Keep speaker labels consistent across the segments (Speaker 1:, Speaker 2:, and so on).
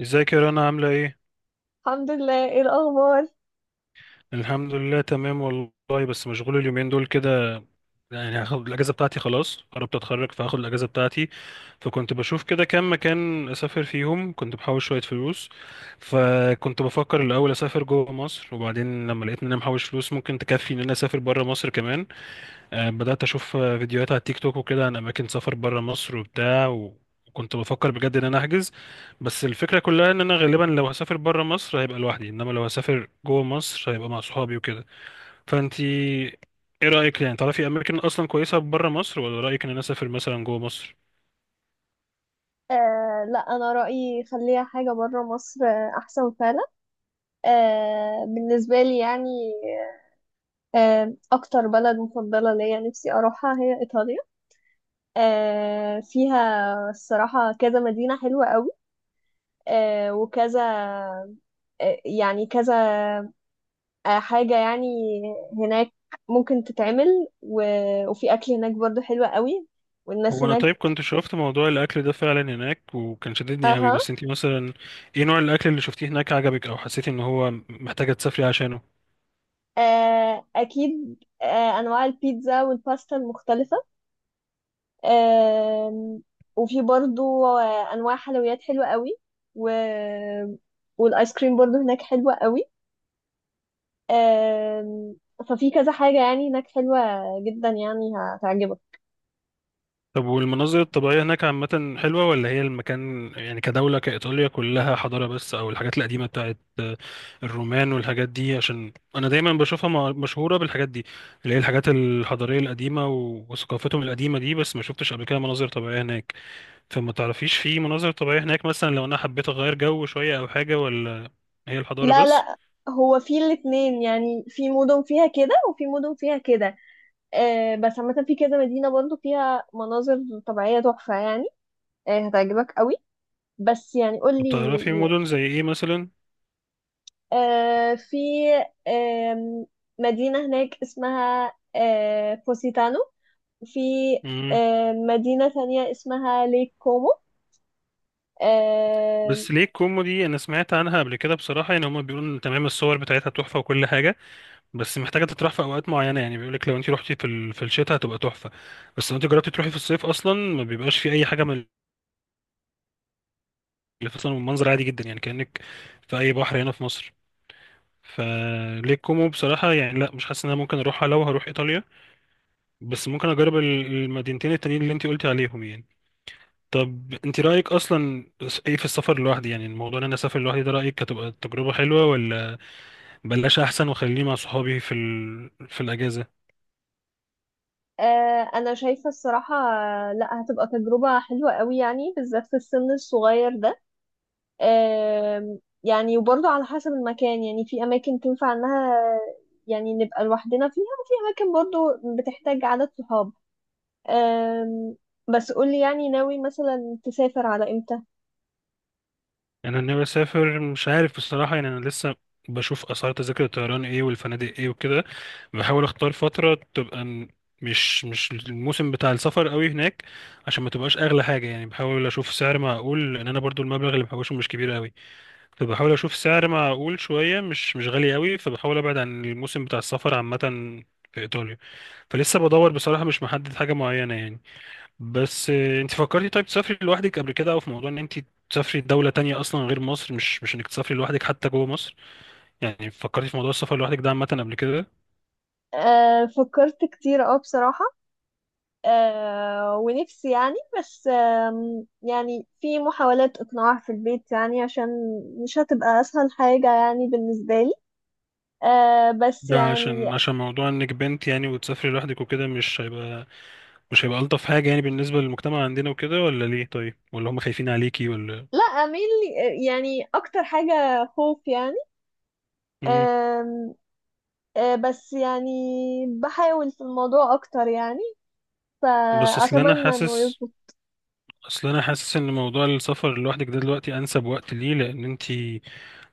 Speaker 1: ازيك يا رنا، عاملة ايه؟
Speaker 2: الحمد لله. ايه الاخبار؟
Speaker 1: الحمد لله تمام والله، بس مشغول اليومين دول كده. يعني هاخد الأجازة بتاعتي، خلاص قربت أتخرج فهاخد الأجازة بتاعتي. فكنت بشوف كده كام مكان أسافر فيهم، كنت بحوش شوية فلوس. فكنت بفكر الأول أسافر جوه مصر، وبعدين لما لقيت إن أنا محوش فلوس ممكن تكفي إن أنا أسافر بره مصر كمان. بدأت أشوف فيديوهات على تيك توك وكده عن أماكن سفر برا مصر وبتاع وكنت بفكر بجد إن أنا أحجز. بس الفكرة كلها إن أنا غالبا لو هسافر برا مصر هيبقى لوحدي، إنما لو هسافر جوه مصر هيبقى مع صحابي وكده. فأنتي إيه رأيك يعني، تعرفي أماكن أصلا كويسة برا مصر، ولا رأيك إن أنا أسافر مثلا جوه مصر؟
Speaker 2: لا، انا رايي خليها حاجه بره مصر، احسن فعلا. بالنسبه لي يعني. اكتر بلد مفضله ليا نفسي اروحها هي ايطاليا. فيها الصراحه كذا مدينه حلوه قوي، وكذا، يعني كذا، حاجه يعني هناك ممكن تتعمل. و... وفي اكل هناك برضو حلو قوي، والناس
Speaker 1: هو أنا
Speaker 2: هناك.
Speaker 1: طيب كنت شوفت موضوع الأكل ده فعلا هناك وكان شددني قوي،
Speaker 2: اها.
Speaker 1: بس أنتي مثلا إيه نوع الأكل اللي شفتيه هناك عجبك، أو حسيتي إن هو محتاجة تسافري عشانه؟
Speaker 2: أكيد، أنواع البيتزا والباستا المختلفة. آم، وفي برضو أنواع حلويات حلوة قوي. و... والآيس كريم برضو هناك حلوة قوي. آم، ففي كذا حاجة يعني هناك حلوة جدا، يعني هتعجبك.
Speaker 1: طب والمناظر الطبيعية هناك عامة حلوة، ولا هي المكان يعني كدولة كإيطاليا كلها حضارة بس، أو الحاجات القديمة بتاعت الرومان والحاجات دي؟ عشان أنا دايما بشوفها مشهورة بالحاجات دي اللي هي الحاجات الحضارية القديمة وثقافتهم القديمة دي، بس ما شفتش قبل كده مناظر طبيعية هناك. فما تعرفيش في مناظر طبيعية هناك مثلا، لو أنا حبيت أغير جو شوية أو حاجة، ولا هي الحضارة
Speaker 2: لا،
Speaker 1: بس؟
Speaker 2: لا. هو في الاتنين، يعني في مدن فيها كده وفي مدن فيها كده، بس عامة في كذا مدينة برضو فيها مناظر طبيعية تحفة يعني، هتعجبك قوي. بس يعني
Speaker 1: طب
Speaker 2: قولي،
Speaker 1: تعرفي مدن زي إيه مثلا؟
Speaker 2: في آم، مدينة هناك اسمها بوسيتانو. في
Speaker 1: مم.
Speaker 2: مدينة تانية اسمها ليك كومو. آه،
Speaker 1: بس ليه كومو دي أنا سمعت عنها قبل كده بصراحة، يعني هما بيقولوا إن تمام الصور بتاعتها تحفة وكل حاجة، بس محتاجة تتراح في أوقات معينة، يعني بيقولك لو أنت روحتي في في الشتاء هتبقى تحفة، بس لو أنت جربتي تروحي في الصيف أصلا ما بيبقاش في أي حاجة من اللي في، أصلا المنظر عادي جدا يعني كأنك في أي بحر هنا في مصر. فليه كومو بصراحة يعني لا، مش حاسس إن أنا ممكن أروحها لو هروح إيطاليا، بس ممكن أجرب المدينتين التانيين اللي أنت قلتي عليهم يعني. طب أنت رأيك أصلا إيه في السفر لوحدي؟ يعني الموضوع إن أنا أسافر لوحدي ده رأيك هتبقى تجربة حلوة، ولا بلاش أحسن وخليني مع صحابي في في الأجازة؟
Speaker 2: أنا شايفة الصراحة، لا، هتبقى تجربة حلوة قوي يعني بالذات في السن الصغير ده، آم، يعني وبرضه على حسب المكان، يعني في أماكن تنفع إنها يعني نبقى لوحدنا فيها وفي أماكن برضه بتحتاج عدد صحاب. آم، بس قولي يعني ناوي مثلا تسافر على إمتى؟
Speaker 1: يعني انا ناوي اسافر، مش عارف بصراحه، يعني انا لسه بشوف اسعار تذاكر الطيران ايه والفنادق ايه وكده، بحاول اختار فتره تبقى مش الموسم بتاع السفر قوي هناك، عشان ما تبقاش اغلى حاجه يعني. بحاول اشوف سعر معقول، لان انا برضو المبلغ اللي محوشه مش كبير قوي. فبحاول اشوف سعر معقول شويه، مش غالي قوي، فبحاول ابعد عن الموسم بتاع السفر عامه في ايطاليا. فلسه بدور بصراحه، مش محدد حاجه معينه يعني. بس انت فكرتي طيب تسافري لوحدك قبل كده، او في موضوع ان انت تسافري دولة تانية اصلا غير مصر، مش انك تسافري لوحدك حتى جوه مصر؟ يعني فكرتي في موضوع السفر لوحدك ده عامة قبل كده؟
Speaker 2: فكرت كتير اه بصراحة، ونفسي يعني، بس يعني في محاولات إقناع في البيت، يعني عشان مش هتبقى أسهل حاجة يعني بالنسبة لي، بس
Speaker 1: ده
Speaker 2: يعني.
Speaker 1: عشان موضوع انك بنت يعني، وتسافري لوحدك وكده مش هيبقى الطف حاجة يعني بالنسبة للمجتمع عندنا وكده، ولا ليه طيب، ولا هم خايفين عليكي ولا؟
Speaker 2: لا، أميل يعني أكتر حاجة خوف يعني.
Speaker 1: امم
Speaker 2: آم، بس يعني بحاول في الموضوع أكتر يعني،
Speaker 1: بس اصل انا
Speaker 2: فأتمنى إنه
Speaker 1: حاسس
Speaker 2: يظبط.
Speaker 1: اصل انا حاسس ان موضوع السفر لوحدك ده دلوقتي انسب وقت ليه، لان انت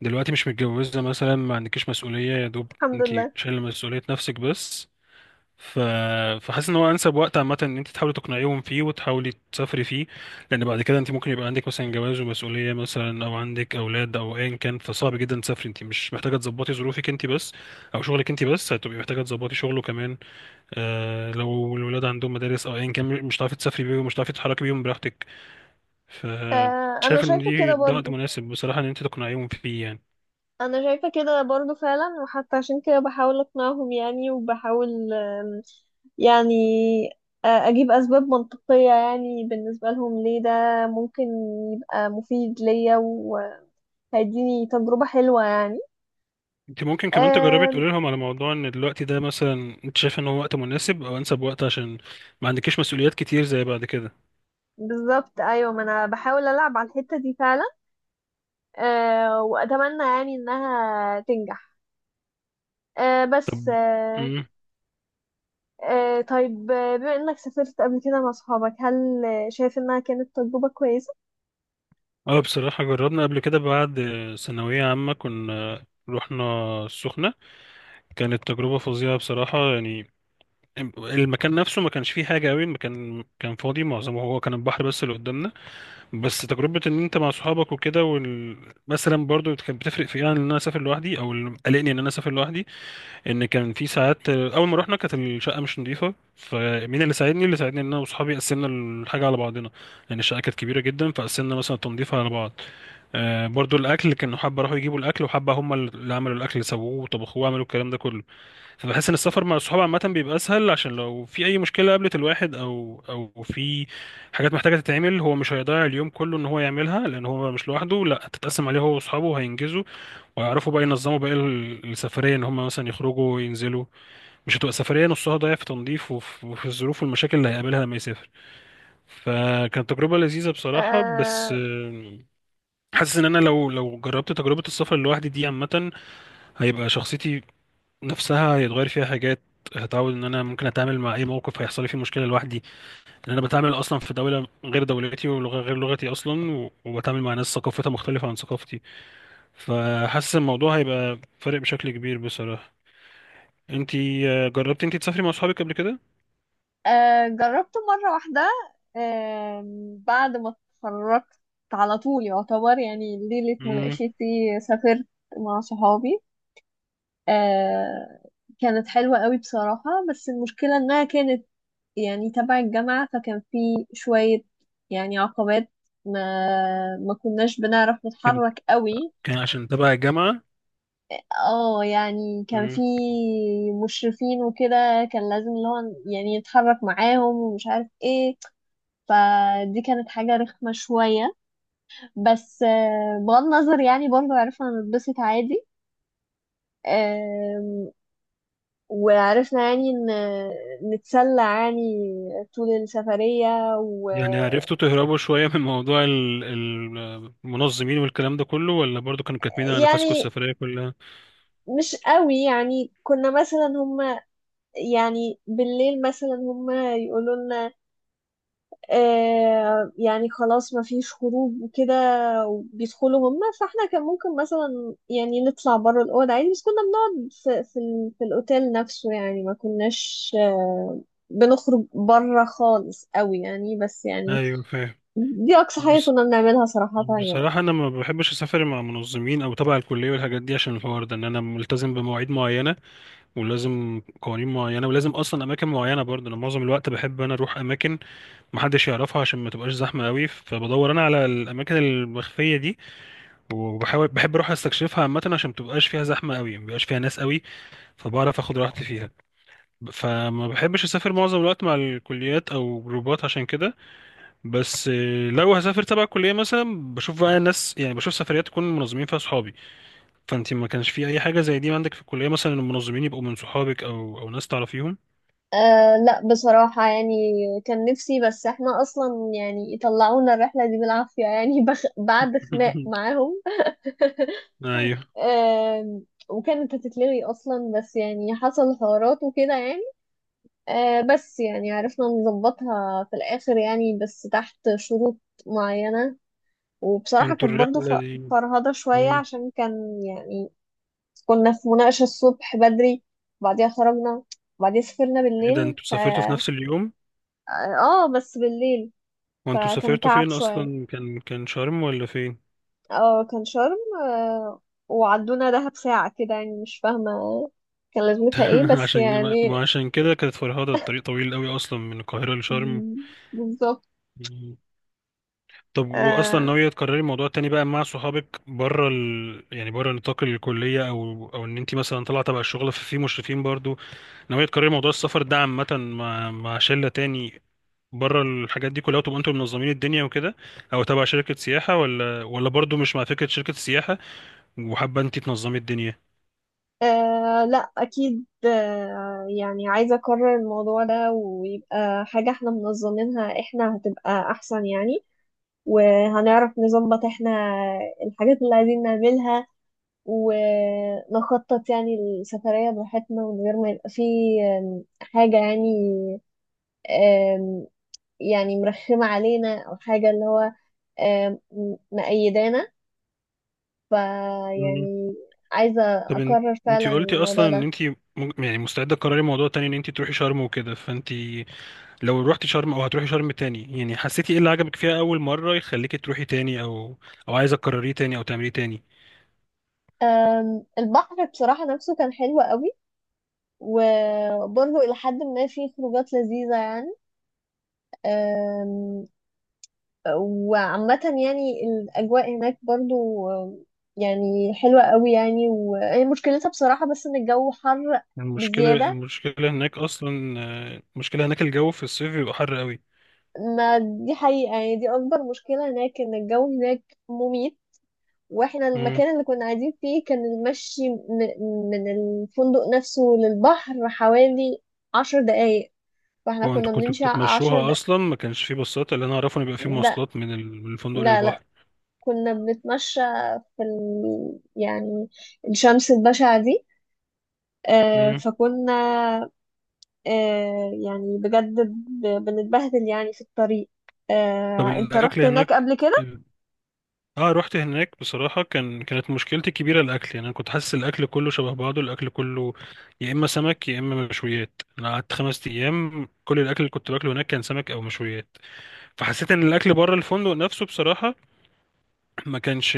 Speaker 1: دلوقتي مش متجوزة مثلا، ما عندكيش مسؤولية، يا دوب
Speaker 2: الحمد
Speaker 1: انت
Speaker 2: لله.
Speaker 1: شايلة مسؤولية نفسك بس. ف... فحاسس ان هو انسب وقت عامة ان انت تحاولي تقنعيهم فيه وتحاولي تسافري فيه، لان بعد كده انت ممكن يبقى عندك مثلا جواز ومسؤولية مثلا، او عندك اولاد او ايا كان، فصعب جدا تسافري، انت مش محتاجة تظبطي ظروفك انت بس او شغلك انت بس، هتبقي محتاجة تظبطي شغله كمان. لو الولاد عندهم مدارس او ايا كان، مش هتعرفي تسافري بيهم، مش هتعرفي تتحركي بيهم براحتك. ف
Speaker 2: أنا
Speaker 1: شايف ان
Speaker 2: شايفة
Speaker 1: دي
Speaker 2: كده
Speaker 1: ده وقت
Speaker 2: برضو.
Speaker 1: مناسب بصراحة ان انت تقنعيهم فيه يعني.
Speaker 2: انا شايفة كده برضو فعلا، وحتى عشان كده بحاول اقنعهم يعني، وبحاول يعني اجيب اسباب منطقية يعني بالنسبة لهم ليه ده ممكن يبقى مفيد ليا وهيديني تجربة حلوة يعني.
Speaker 1: انت ممكن كمان تجربي
Speaker 2: آم،
Speaker 1: تقولي لهم على موضوع ان الوقت ده مثلا انت شايف ان هو وقت مناسب، او انسب وقت، عشان ما عندكيش مسؤوليات كتير زي بعد كده.
Speaker 2: بالظبط، ايوه، ما انا بحاول العب على الحتة دي فعلا، واتمنى يعني انها تنجح. آه،
Speaker 1: طب.
Speaker 2: بس آه،
Speaker 1: امم
Speaker 2: آه، طيب، بما انك سافرت قبل كده مع صحابك هل شايف انها كانت تجربة كويسة؟
Speaker 1: اه بصراحة جربنا قبل كده، بعد ثانوية عامة كنا رحنا السخنة. كانت تجربة فظيعة بصراحة يعني، المكان نفسه ما كانش فيه حاجة قوي، المكان كان فاضي، معظمه هو كان البحر بس اللي قدامنا. بس تجربة ان انت مع صحابك وكده مثلا برضو كانت بتفرق في إيه عن ان انا اسافر لوحدي، او اللي قلقني ان انا اسافر لوحدي ان كان في ساعات اول ما رحنا كانت الشقه مش نظيفه، فمين اللي ساعدني؟ اللي ساعدني ان انا واصحابي قسمنا الحاجه على بعضنا، لان الشقه كانت كبيره جدا، فقسمنا مثلا التنظيف على بعض. برضو الاكل كانوا حبه راحوا يجيبوا الاكل، وحبه هم اللي عملوا الاكل اللي سووه وطبخوه وعملوا الكلام ده كله. فبحس ان السفر مع الصحاب عامه بيبقى اسهل، عشان لو في اي مشكله قابلت الواحد او في حاجات محتاجه تتعمل، هو مش هيضيع اليوم كله ان هو يعملها، لان هو مش لوحده، لا تتقسم عليه هو واصحابه وهينجزوا ويعرفوا بقى ينظموا بقى السفرية، ان هم مثلا يخرجوا وينزلوا، مش هتبقى سفرية نصها ضايع في تنظيف وفي الظروف والمشاكل اللي هيقابلها لما يسافر. فكانت تجربة لذيذة بصراحة، بس حاسس ان انا لو جربت تجربة السفر لوحدي دي عامة، هيبقى شخصيتي نفسها هيتغير فيها حاجات، هتعود ان انا ممكن اتعامل مع اي موقف هيحصل لي فيه مشكله لوحدي، لان انا بتعامل اصلا في دوله غير دولتي ولغه غير لغتي اصلا وبتعامل مع ناس ثقافتها مختلفه عن ثقافتي. فحاسس الموضوع هيبقى فارق بشكل كبير بصراحه. انتي جربتي انتي تسافري مع اصحابك قبل كده؟
Speaker 2: جربته مرة واحدة. آه بعد ما اتخرجت على طول يعتبر، يعني ليلة
Speaker 1: امم
Speaker 2: مناقشتي سافرت مع صحابي. آه كانت حلوة قوي بصراحة، بس المشكلة انها كانت يعني تبع الجامعة، فكان في شوية يعني عقبات، ما ما كناش بنعرف
Speaker 1: كان
Speaker 2: نتحرك قوي.
Speaker 1: كان عشان تبع الجامعه؟
Speaker 2: اه يعني كان
Speaker 1: امم
Speaker 2: في مشرفين وكده كان لازم اللي هو يعني يتحرك معاهم ومش عارف ايه، فدي كانت حاجة رخمة شوية. بس بغض النظر يعني برضو عرفنا نتبسط عادي، آم، وعرفنا يعني نتسلى يعني طول السفرية
Speaker 1: يعني
Speaker 2: ويعني
Speaker 1: عرفتوا تهربوا شويه من موضوع المنظمين والكلام ده كله، ولا برضو كانوا كاتمين على نفسكم السفريه كلها؟
Speaker 2: مش قوي، يعني كنا مثلا هما يعني بالليل مثلا هما يقولوا لنا يعني خلاص ما فيش خروج وكده، وبيدخلوا هم، فاحنا كان ممكن مثلا يعني نطلع بره الأوضة عادي، بس كنا بنقعد في الأوتيل نفسه يعني ما كناش بنخرج بره خالص قوي يعني، بس يعني
Speaker 1: ايوه، فاهم.
Speaker 2: دي أقصى حاجة
Speaker 1: بس
Speaker 2: كنا بنعملها صراحة يعني.
Speaker 1: بصراحه انا ما بحبش اسافر مع منظمين او تبع الكليه والحاجات دي، عشان الحوار ده ان انا ملتزم بمواعيد معينه ولازم قوانين معينه ولازم اصلا اماكن معينه، برضو انا معظم الوقت بحب انا اروح اماكن محدش يعرفها، عشان ما تبقاش زحمه قوي، فبدور انا على الاماكن المخفيه دي، وبحاول بحب اروح استكشفها عامه، عشان متبقاش فيها زحمه قوي، مبيبقاش فيها ناس قوي فبعرف اخد راحتي فيها. فما بحبش اسافر معظم الوقت مع الكليات او جروبات عشان كده. بس لو هسافر تبع الكليه مثلا، بشوف بقى ناس، يعني بشوف سفريات تكون منظمين فيها صحابي. فانت ما كانش في اي حاجه زي دي عندك في الكليه مثلا؟ المنظمين يبقوا من صحابك او ناس تعرفيهم؟
Speaker 2: لا، بصراحة يعني كان نفسي، بس احنا أصلا يعني طلعونا الرحلة دي بالعافية يعني بعد خناق معاهم.
Speaker 1: ايوه.
Speaker 2: آم، وكانت هتتلغي اصلا، بس يعني حصل حوارات وكده يعني، بس يعني عرفنا نظبطها في الاخر يعني، بس تحت شروط معينة. وبصراحة
Speaker 1: وانتوا
Speaker 2: كانت برضو
Speaker 1: الرحله دي.
Speaker 2: فرهضة شوية
Speaker 1: مم.
Speaker 2: عشان كان يعني كنا في مناقشة الصبح بدري، وبعديها خرجنا، وبعديها سافرنا
Speaker 1: ايه ده
Speaker 2: بالليل
Speaker 1: انتوا
Speaker 2: ف
Speaker 1: سافرتوا في نفس اليوم؟
Speaker 2: اه، بس بالليل.
Speaker 1: وانتوا
Speaker 2: فكان
Speaker 1: سافرتوا
Speaker 2: تعب
Speaker 1: فين
Speaker 2: شوية.
Speaker 1: اصلا؟ كان شرم ولا فين؟
Speaker 2: اه، كان شرم. آه، وعدونا دهب ساعة كده يعني مش فاهمة كان لازمتها ايه بس
Speaker 1: عشان
Speaker 2: يعني.
Speaker 1: ما عشان كده كانت فرهدة، الطريق طويل قوي اصلا من القاهرة لشرم.
Speaker 2: مم، بالظبط.
Speaker 1: طب واصلا
Speaker 2: آه
Speaker 1: ناوية تكرري الموضوع تاني بقى مع صحابك بره يعني بره نطاق الكلية، او ان انت مثلا طالعة تبع الشغل ففي مشرفين برضو؟ ناوية تكرري موضوع السفر ده عامة مع شلة تاني بره الحاجات دي كلها، وتبقوا انتوا منظمين الدنيا وكده، او تبع شركة سياحة؟ ولا برضو مش مع فكرة شركة السياحة وحابة انت تنظمي الدنيا؟
Speaker 2: لا، أكيد يعني عايزة أكرر الموضوع ده ويبقى حاجة احنا منظمينها، احنا هتبقى أحسن يعني، وهنعرف نظبط احنا الحاجات اللي عايزين نعملها، ونخطط يعني السفرية براحتنا من غير ما يبقى فيه حاجة يعني، آم، يعني مرخمة علينا أو حاجة اللي هو آم، مقيدانا، فيعني عايزة
Speaker 1: طب
Speaker 2: أكرر
Speaker 1: انتي
Speaker 2: فعلا
Speaker 1: قلتي
Speaker 2: الموضوع
Speaker 1: اصلا ان
Speaker 2: ده.
Speaker 1: انتي يعني مستعده تقرري موضوع تاني ان انتي تروحي شرم وكده، فانتي لو روحتي شرم او هتروحي شرم تاني، يعني حسيتي ايه اللي عجبك فيها اول مره يخليكي تروحي تاني، او او عايزه تكرريه تاني او تعمليه تاني؟
Speaker 2: البحر بصراحة نفسه كان حلو قوي، وبرضه إلى حد ما فيه خروجات لذيذة يعني، أم، وعامة يعني الأجواء هناك برضه أم، يعني حلوة قوي يعني، وهي مشكلتها بصراحة بس إن الجو حر
Speaker 1: المشكله
Speaker 2: بزيادة.
Speaker 1: المشكله هناك اصلا المشكله هناك الجو في الصيف بيبقى حر قوي.
Speaker 2: ما دي حقيقة يعني، دي أكبر مشكلة هناك إن الجو هناك مميت. واحنا
Speaker 1: امم.
Speaker 2: المكان اللي كنا قاعدين فيه كان المشي من الفندق نفسه للبحر حوالي 10 دقايق، فاحنا
Speaker 1: هو
Speaker 2: كنا
Speaker 1: انتوا كنتوا
Speaker 2: بنمشي عشر
Speaker 1: بتتمشوها
Speaker 2: دقايق
Speaker 1: اصلا؟ ما كانش فيه باصات؟ اللي انا اعرفه ان بيبقى فيه
Speaker 2: لا،
Speaker 1: مواصلات من من الفندق
Speaker 2: لا، لا.
Speaker 1: للبحر.
Speaker 2: كنا بنتمشى في يعني الشمس البشعة دي.
Speaker 1: امم.
Speaker 2: فكنا، يعني بجد بنتبهدل يعني في الطريق.
Speaker 1: طب
Speaker 2: انت
Speaker 1: الاكل
Speaker 2: رحت هناك
Speaker 1: هناك.
Speaker 2: قبل كده؟
Speaker 1: اه، رحت هناك بصراحة، كانت مشكلتي الكبيرة الأكل. يعني أنا كنت حاسس الأكل كله شبه بعضه، الأكل كله يا إما سمك يا إما مشويات، أنا قعدت 5 أيام كل الأكل اللي كنت باكله هناك كان سمك أو مشويات. فحسيت إن الأكل بره الفندق نفسه بصراحة ما كانش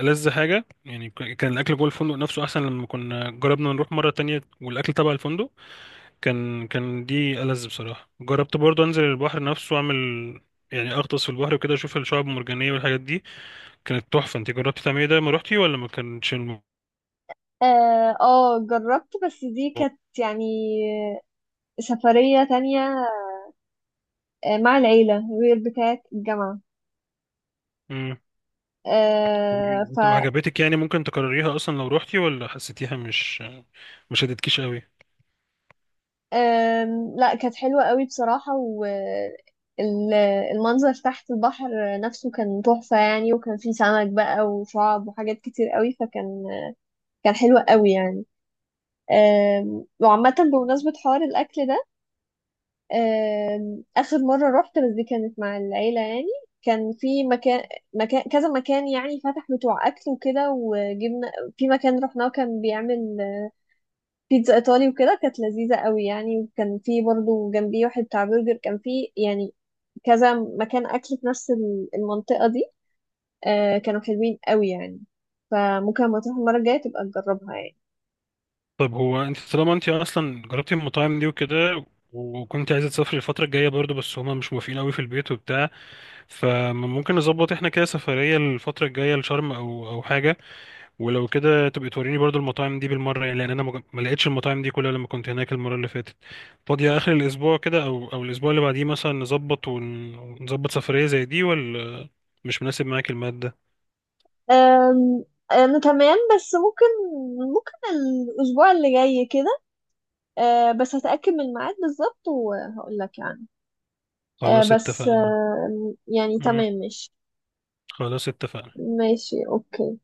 Speaker 1: ألذ حاجة، يعني كان الأكل جوه الفندق نفسه أحسن، لما كنا جربنا نروح مرة تانية والأكل تبع الفندق كان دي ألذ بصراحة. جربت برضه أنزل البحر نفسه وأعمل، يعني أغطس في البحر وكده، أشوف الشعاب المرجانية والحاجات دي، كانت تحفة. انت جربتي تعملي ده لما روحتي، ولا ما كانتش
Speaker 2: اه، جربت، بس دي كانت يعني سفرية تانية، مع العيلة غير بتاعة الجامعة،
Speaker 1: مم.
Speaker 2: آه، ف
Speaker 1: وعجبتك يعني ممكن تكرريها اصلا لو روحتي، ولا حسيتيها مش شدتكيش قوي؟
Speaker 2: لا، كانت حلوة قوي بصراحة، والمنظر تحت البحر نفسه كان تحفة يعني، وكان فيه سمك بقى وشعاب وحاجات كتير قوي فكان حلو قوي يعني. وعامة بمناسبة حوار الأكل ده، آخر مرة رحت بس دي كانت مع العيلة يعني، كان في مكان مكان كذا مكان يعني فتح بتوع أكل وكده، وجبنا في مكان رحناه كان بيعمل بيتزا ايطالي وكده كانت لذيذه قوي يعني، وكان في برضو جنبي واحد بتاع برجر. كان في يعني كذا مكان اكل في نفس المنطقه دي، كانوا حلوين قوي يعني، فممكن لما تروح المره الجايه تبقى تجربها يعني.
Speaker 1: طيب هو انت طالما انت اصلا جربتي المطاعم دي وكده، وكنت عايزة تسافري الفترة الجاية برضو، بس هما مش موافقين قوي في البيت وبتاع، فممكن نظبط احنا كده سفرية الفترة الجاية لشرم او حاجة. ولو كده تبقي توريني برضو المطاعم دي بالمرة، يعني لأن أنا ما لقيتش المطاعم دي كلها لما كنت هناك المرة اللي فاتت. فاضية آخر الأسبوع كده أو الأسبوع اللي بعديه مثلا، نظبط ونظبط سفرية زي دي، ولا مش مناسب معاك المادة؟
Speaker 2: آم، انا تمام، بس ممكن الاسبوع اللي جاي كده، بس هتاكد من الميعاد بالظبط وهقول لك يعني،
Speaker 1: خلاص
Speaker 2: بس
Speaker 1: اتفقنا.
Speaker 2: يعني
Speaker 1: مم.
Speaker 2: تمام ماشي.
Speaker 1: خلاص اتفقنا.
Speaker 2: ماشي، اوكي.